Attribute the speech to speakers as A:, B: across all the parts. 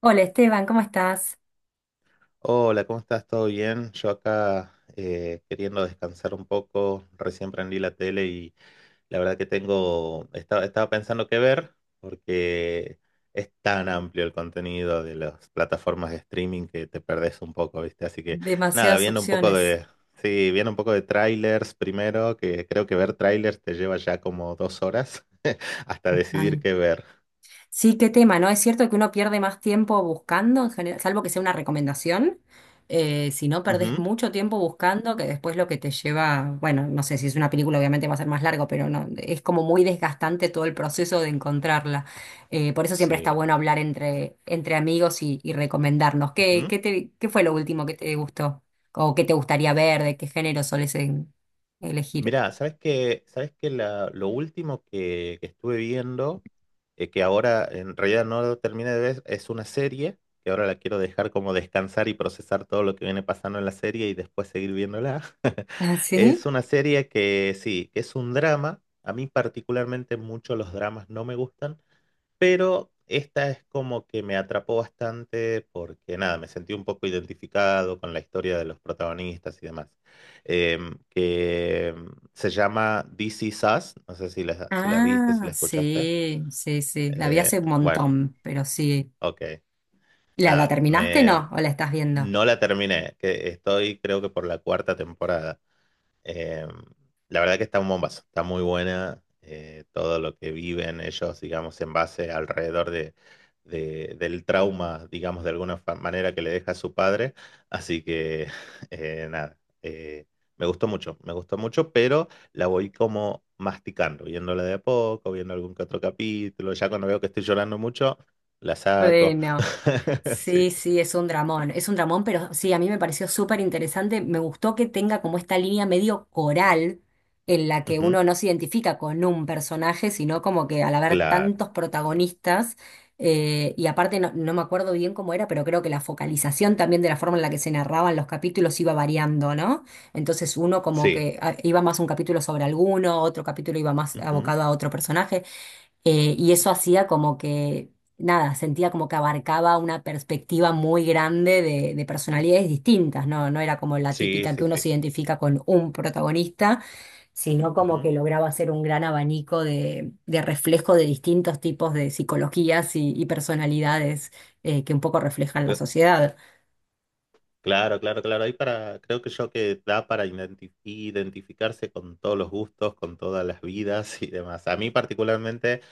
A: Hola Esteban, ¿cómo estás?
B: Hola, ¿cómo estás? ¿Todo bien? Yo acá queriendo descansar un poco, recién prendí la tele y la verdad que tengo, estaba pensando qué ver porque es tan amplio el contenido de las plataformas de streaming que te perdés un poco, ¿viste? Así que nada,
A: Demasiadas
B: viendo un poco
A: opciones.
B: de, sí, viendo un poco de trailers primero, que creo que ver trailers te lleva ya como 2 horas hasta decidir
A: Total.
B: qué ver.
A: Sí, qué tema, ¿no? Es cierto que uno pierde más tiempo buscando, en general, salvo que sea una recomendación. Si no, perdés
B: Ujú.
A: mucho tiempo buscando, que después lo que te lleva, bueno, no sé si es una película, obviamente va a ser más largo, pero no, es como muy desgastante todo el proceso de encontrarla. Por eso siempre está
B: Sí.
A: bueno hablar entre amigos y recomendarnos. ¿Qué,
B: Sí.
A: qué fue lo último que te gustó? ¿O qué te gustaría ver? ¿De qué género elegir?
B: Mirá, sabes que lo último que estuve viendo, que ahora en realidad no lo terminé de ver, es una serie, que ahora la quiero dejar como descansar y procesar todo lo que viene pasando en la serie y después seguir viéndola.
A: ¿Ah, sí?
B: Es una serie que sí, que es un drama. A mí particularmente mucho los dramas no me gustan, pero esta es como que me atrapó bastante porque nada, me sentí un poco identificado con la historia de los protagonistas y demás. Que se llama This Is Us, no sé si la viste, si
A: Ah,
B: la escuchaste.
A: sí, sí, sí. La vi
B: Eh,
A: hace un
B: bueno,
A: montón, pero sí.
B: ok,
A: ¿La
B: nada,
A: terminaste,
B: me,
A: no? ¿O la estás viendo?
B: no la terminé, que estoy creo que por la cuarta temporada. Eh, la verdad que está un bombazo, está muy buena, todo lo que viven ellos, digamos, en base alrededor del trauma, digamos, de alguna manera que le deja su padre. Así que, nada, eh, me gustó mucho, pero la voy como masticando, viéndola de a poco, viendo algún que otro capítulo. Ya cuando veo que estoy llorando mucho, la saco.
A: Freno.
B: Sí,
A: Sí,
B: sí.
A: sí, es un dramón, pero sí, a mí me pareció súper interesante, me gustó que tenga como esta línea medio coral en la que
B: Ujú.
A: uno no se identifica con un personaje, sino como que al haber
B: Claro,
A: tantos protagonistas, y aparte no, no me acuerdo bien cómo era, pero creo que la focalización también de la forma en la que se narraban los capítulos iba variando, ¿no? Entonces uno como
B: sí.
A: que ah, iba más un capítulo sobre alguno, otro capítulo iba más
B: Ujú.
A: abocado a otro personaje. Y eso hacía como que, nada, sentía como que abarcaba una perspectiva muy grande de personalidades distintas, ¿no? No era como la
B: Sí,
A: típica que
B: sí,
A: uno se
B: sí.
A: identifica con un protagonista, sino como
B: Ujú.
A: que lograba hacer un gran abanico de reflejo de distintos tipos de psicologías y personalidades que un poco reflejan la sociedad.
B: Claro, claro, claro. Ahí para, creo que yo que da para identificarse con todos los gustos, con todas las vidas y demás. A mí particularmente,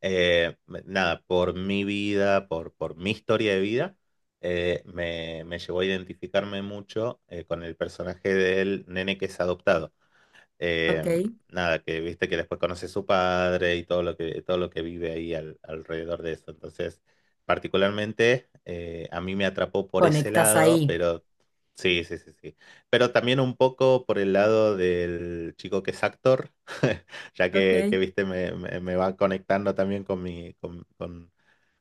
B: nada, por mi vida, por mi historia de vida, me llevó a identificarme mucho, con el personaje del nene que es adoptado. Eh,
A: Ok,
B: nada, que viste que después conoce a su padre y todo lo que vive ahí alrededor de eso. Entonces, particularmente, a mí me atrapó por ese
A: conectas
B: lado,
A: ahí.
B: pero sí, sí, sí, sí. Pero también un poco por el lado del chico que es actor, ya que
A: Ok.
B: viste, me va conectando también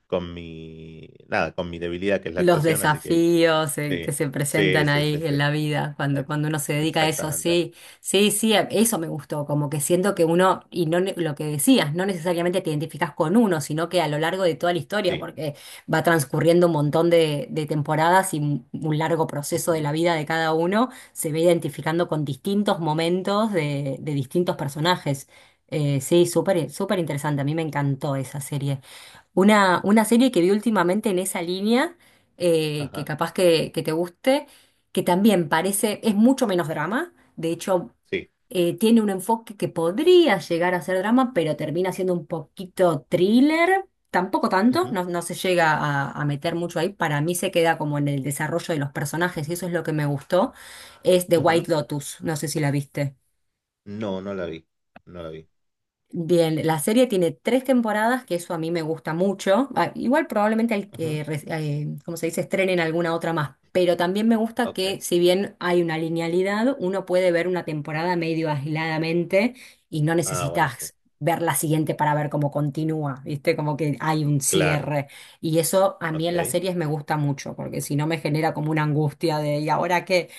B: con mi, nada, con mi debilidad que es la
A: Los
B: actuación, así que
A: desafíos que
B: sí,
A: se
B: sí,
A: presentan
B: sí, sí,
A: ahí
B: sí.
A: en la vida, cuando,
B: Ex-
A: cuando uno se dedica a eso,
B: Exactamente.
A: sí, sí, sí,
B: Sí.
A: eso me gustó, como que siento que uno, y no ne- lo que decías, no necesariamente te identificas con uno, sino que a lo largo de toda la historia,
B: Sí.
A: porque va transcurriendo un montón de temporadas y un largo proceso de la
B: Ujú.
A: vida de cada uno, se ve identificando con distintos momentos de distintos personajes. Sí, súper, súper interesante, a mí me encantó esa serie. Una serie que vi últimamente en esa línea, que
B: Ajá.
A: capaz que te guste, que también parece, es mucho menos drama, de hecho,
B: Sí.
A: tiene un enfoque que podría llegar a ser drama, pero termina siendo un poquito thriller, tampoco tanto,
B: Ujú,
A: no, no se llega a meter mucho ahí, para mí se queda como en el desarrollo de los personajes, y eso es lo que me gustó, es The
B: ujú.
A: White Lotus, no sé si la viste.
B: No, no la vi. No la vi.
A: Bien, la serie tiene tres temporadas, que eso a mí me gusta mucho. Ah, igual probablemente al
B: Ujú.
A: que, como se dice, estrenen alguna otra más. Pero también me gusta
B: Ok.
A: que, si bien hay una linealidad, uno puede ver una temporada medio aisladamente y no
B: Ah, buenísimo.
A: necesitas ver la siguiente para ver cómo continúa, ¿viste? Como que hay un
B: Claro.
A: cierre. Y eso a mí en las
B: Ok.
A: series me gusta mucho, porque si no me genera como una angustia de, ¿y ahora qué?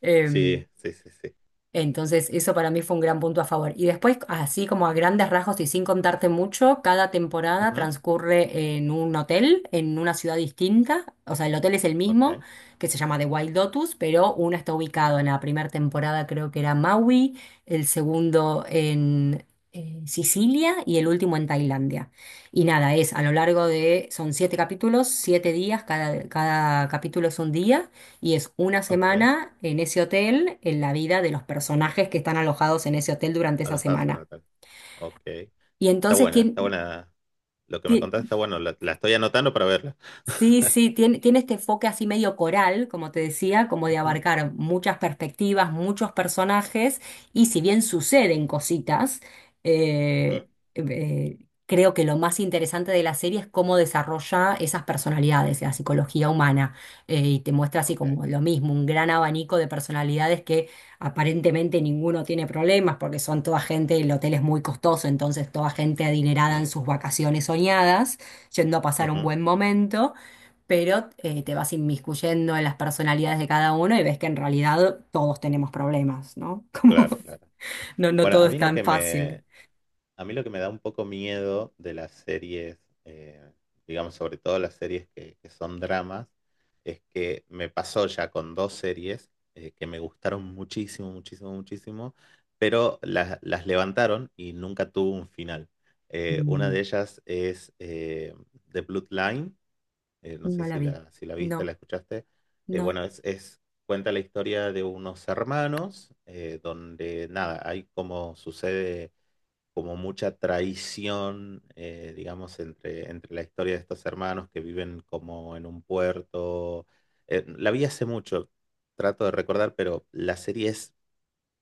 A: Em,
B: Sí, sí, sí, sí.
A: entonces, eso para mí fue un gran punto a favor. Y después, así como a grandes rasgos y sin contarte mucho, cada temporada
B: Ujú.
A: transcurre en un hotel, en una ciudad distinta. O sea, el hotel es el
B: Ok,
A: mismo, que se llama The Wild Lotus, pero uno está ubicado en la primera temporada, creo que era Maui, el segundo en Sicilia y el último en Tailandia. Y nada, es a lo largo de, son siete capítulos, siete días, cada, cada capítulo es un día. Y es una
B: ok.
A: semana en ese hotel, en la vida de los personajes que están alojados en ese hotel durante esa
B: Alojarse en el
A: semana.
B: hotel. Ok.
A: Y
B: Está
A: entonces
B: buena, está buena. Lo que me
A: tiene,
B: contaste está bueno. La estoy anotando para verla.
A: sí, sí, tiene, tiene este enfoque así medio coral, como te decía, como de
B: Ujú,
A: abarcar muchas perspectivas, muchos personajes, y si bien suceden cositas,
B: ujú.
A: eh, eh, creo que lo más interesante de la serie es cómo desarrolla esas personalidades, la psicología humana, y te muestra así
B: Ok.
A: como lo mismo, un gran abanico de personalidades que aparentemente ninguno tiene problemas, porque son toda gente, el hotel es muy costoso, entonces toda gente adinerada en
B: Ujú,
A: sus vacaciones soñadas, yendo a pasar un
B: ujú.
A: buen momento pero te vas inmiscuyendo en las personalidades de cada uno y ves que en realidad todos tenemos problemas, ¿no? Como
B: Claro, claro.
A: no, no
B: Bueno,
A: todo
B: a
A: es
B: mí lo
A: tan
B: que
A: fácil.
B: me, a mí lo que me da un poco miedo de las series, eh, digamos, sobre todo las series que son dramas, es que me pasó ya con dos series, que me gustaron muchísimo, muchísimo, muchísimo, pero las levantaron y nunca tuvo un final. Una
A: Mm.
B: de ellas es, The Bloodline. No sé
A: No la
B: si
A: vi.
B: la, si la
A: No,
B: viste, la escuchaste.
A: no.
B: Bueno, cuenta la historia de unos hermanos, donde nada, hay como sucede como mucha traición, digamos, entre la historia de estos hermanos que viven como en un puerto. La vi hace mucho, trato de recordar, pero la serie es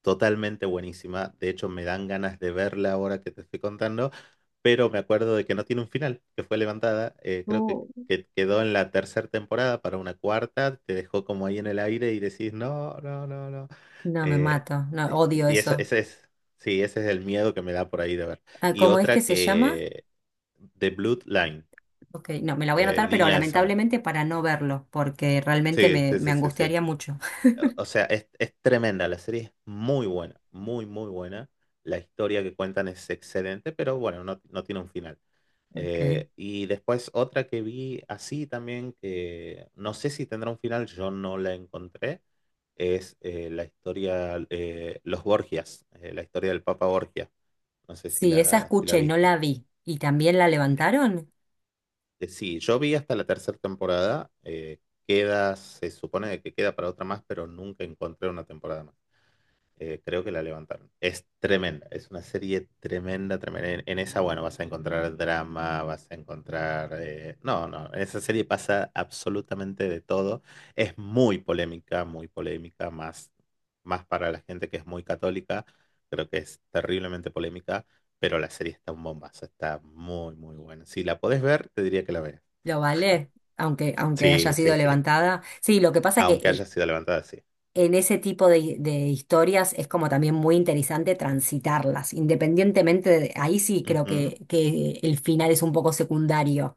B: totalmente buenísima. De hecho, me dan ganas de verla ahora que te estoy contando, pero me acuerdo de que no tiene un final, que fue levantada. Creo que,
A: Uh,
B: que quedó en la tercera temporada para una cuarta, te dejó como ahí en el aire y decís, no, no, no, no.
A: no, me
B: Eh,
A: mato. No, odio
B: y eso,
A: eso.
B: ese es, sí, ese es el miedo que me da por ahí de ver.
A: Ah,
B: Y
A: ¿cómo es que
B: otra
A: se llama?
B: que, The Bloodline,
A: Ok, no, me la voy a
B: la
A: anotar, pero
B: línea de sangre.
A: lamentablemente para no verlo, porque realmente
B: Sí,
A: me,
B: sí,
A: me
B: sí, sí, sí.
A: angustiaría mucho.
B: O sea, es tremenda, la serie es muy buena, muy, muy buena. La historia que cuentan es excelente, pero bueno, no, no tiene un final.
A: Ok.
B: Y después otra que vi así también, que no sé si tendrá un final, yo no la encontré, es, la historia, Los Borgias, la historia del Papa Borgia. No sé si
A: Sí, esa
B: la, si la
A: escuché, no
B: viste.
A: la vi. ¿Y también la
B: Eh,
A: levantaron?
B: sí, yo vi hasta la tercera temporada, queda, se supone que queda para otra más, pero nunca encontré una temporada más. Creo que la levantaron. Es tremenda, es una serie tremenda, tremenda. En esa, bueno, vas a encontrar drama, vas a encontrar, no, no, en esa serie pasa absolutamente de todo. Es muy polémica, más, más para la gente que es muy católica. Creo que es terriblemente polémica, pero la serie está un bombazo, está muy, muy buena. Si la podés ver, te diría que la veas.
A: ¿Lo vale? Aunque, aunque haya
B: Sí, sí,
A: sido
B: sí.
A: levantada. Sí, lo que pasa que
B: Aunque haya sido levantada, sí.
A: en ese tipo de historias es como también muy interesante transitarlas, independientemente de, ahí sí creo que el final es un poco secundario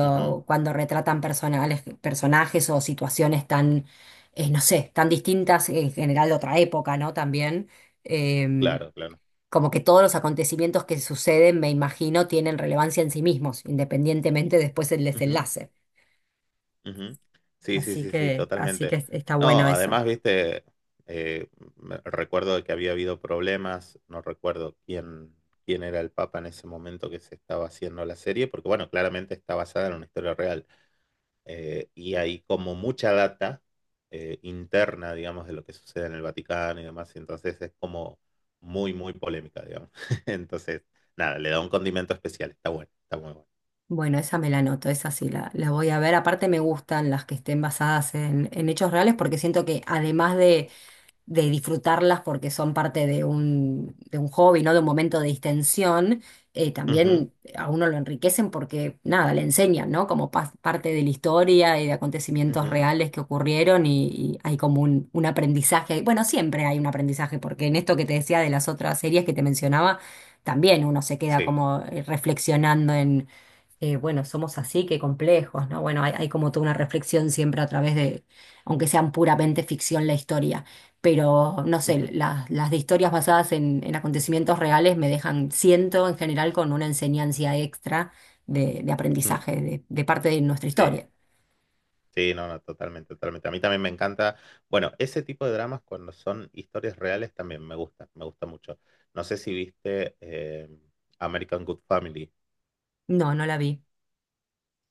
B: Ujú, ujú.
A: cuando retratan personales, personajes o situaciones tan, no sé, tan distintas en general de otra época, ¿no? También, eh,
B: Claro, claro.
A: como que todos los acontecimientos que suceden, me imagino, tienen relevancia en sí mismos, independientemente después del
B: Ujú.
A: desenlace.
B: Ujú. Sí, sí, sí, sí,
A: Así
B: totalmente.
A: que está bueno
B: No,
A: eso.
B: además, viste, eh, recuerdo de que había habido problemas, no recuerdo quién, quién era el Papa en ese momento que se estaba haciendo la serie, porque bueno, claramente está basada en una historia real. Y hay como mucha data, interna, digamos, de lo que sucede en el Vaticano y demás, y entonces es como muy, muy polémica, digamos. Entonces, nada, le da un condimento especial, está bueno, está muy bueno.
A: Bueno, esa me la anoto, esa sí la voy a ver. Aparte me gustan las que estén basadas en hechos reales porque siento que además de disfrutarlas porque son parte de un hobby, ¿no? De un momento de distensión,
B: Ujú,
A: también a uno lo enriquecen porque nada, le enseñan, ¿no? Como parte de la historia y de acontecimientos
B: ujú,
A: reales que ocurrieron y hay como un aprendizaje. Bueno, siempre hay un aprendizaje porque en esto que te decía de las otras series que te mencionaba, también uno se queda
B: sí.
A: como reflexionando bueno, somos así, qué complejos, ¿no? Bueno, hay como toda una reflexión siempre a través de, aunque sean puramente ficción la historia, pero no sé,
B: Ujú,
A: las de historias basadas en acontecimientos reales me dejan, siento en general, con una enseñanza extra de
B: ujú,
A: aprendizaje de parte de nuestra
B: sí.
A: historia.
B: Sí, no, no, totalmente, totalmente. A mí también me encanta. Bueno, ese tipo de dramas cuando son historias reales también me gusta mucho. No sé si viste, American Good Family.
A: No, no la vi.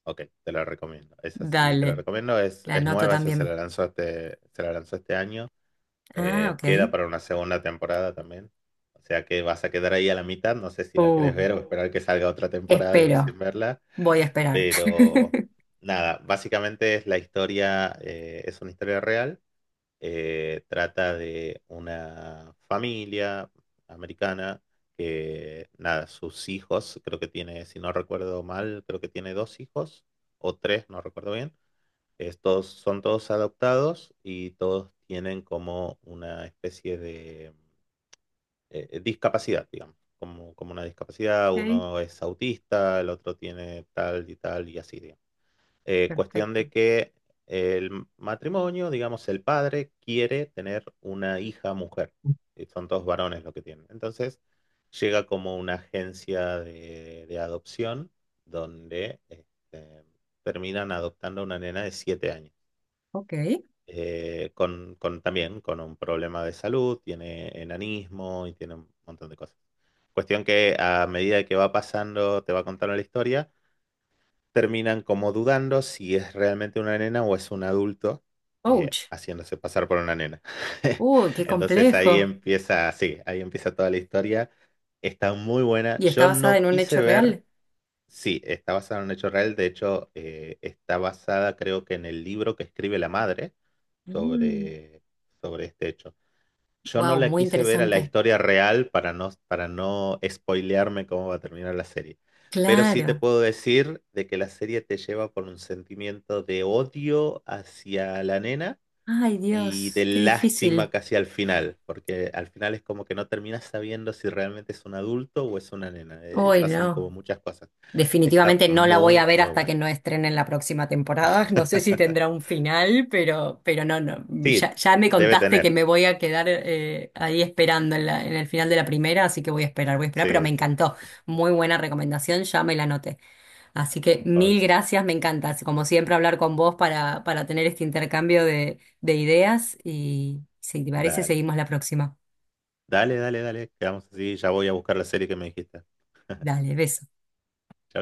B: Ok, te la recomiendo. Esa sí, te la
A: Dale,
B: recomiendo.
A: la
B: Es
A: anoto
B: nueva, esa se la
A: también.
B: lanzó este, se la lanzó este año.
A: Ah, ok.
B: Queda para una segunda temporada también. O sea que vas a quedar ahí a la mitad. No sé si la
A: Uh,
B: querés ver o esperar que salga otra temporada y
A: espero,
B: recién verla.
A: voy a esperar.
B: Pero nada, básicamente es la historia, es una historia real. Trata de una familia americana que, nada, sus hijos, creo que tiene, si no recuerdo mal, creo que tiene dos hijos o tres, no recuerdo bien. Estos son todos adoptados y todos tienen como una especie de, discapacidad, digamos, como, como una discapacidad.
A: Ok,
B: Uno es autista, el otro tiene tal y tal y así, digamos. Cuestión
A: perfecto.
B: de que el matrimonio, digamos, el padre quiere tener una hija mujer. Y son todos varones lo que tienen. Entonces, llega como una agencia de adopción donde este, terminan adoptando a una nena de 7 años.
A: Ok.
B: Con, también con un problema de salud, tiene enanismo y tiene un montón de cosas. Cuestión que a medida que va pasando, te va contando la historia, terminan como dudando si es realmente una nena o es un adulto,
A: Ouch.
B: haciéndose pasar por una nena.
A: Uy, qué
B: Entonces ahí
A: complejo.
B: empieza, sí, ahí empieza toda la historia. Está muy buena.
A: Y está
B: Yo
A: basada
B: no
A: en un
B: quise
A: hecho
B: ver,
A: real.
B: sí, está basada en un hecho real. De hecho, está basada creo que en el libro que escribe la madre sobre, sobre este hecho. Yo no
A: Wow,
B: la
A: muy
B: quise ver a la
A: interesante.
B: historia real para no spoilearme cómo va a terminar la serie. Pero sí te
A: Claro.
B: puedo decir de que la serie te lleva por un sentimiento de odio hacia la nena
A: Ay,
B: y de
A: Dios, qué
B: lástima
A: difícil.
B: casi al final, porque al final es como que no terminas sabiendo si realmente es un adulto o es una nena.
A: Hoy
B: Pasan como
A: no.
B: muchas cosas. Está
A: Definitivamente no la voy a
B: muy,
A: ver
B: muy
A: hasta
B: bueno.
A: que no estrenen la próxima temporada. No sé si tendrá un final, pero no, no.
B: Sí,
A: Ya, ya me
B: debe
A: contaste que
B: tener.
A: me voy a quedar ahí esperando en en el final de la primera, así que voy a esperar, pero
B: Sí,
A: me
B: sí.
A: encantó. Muy buena recomendación, ya me la anoté. Así que mil
B: Ok,
A: gracias, me encanta, como siempre, hablar con vos para tener este intercambio de ideas y si te parece,
B: dale.
A: seguimos la próxima.
B: Dale, dale, dale. Quedamos así. Ya voy a buscar la serie que me dijiste.
A: Dale, beso.
B: Chao.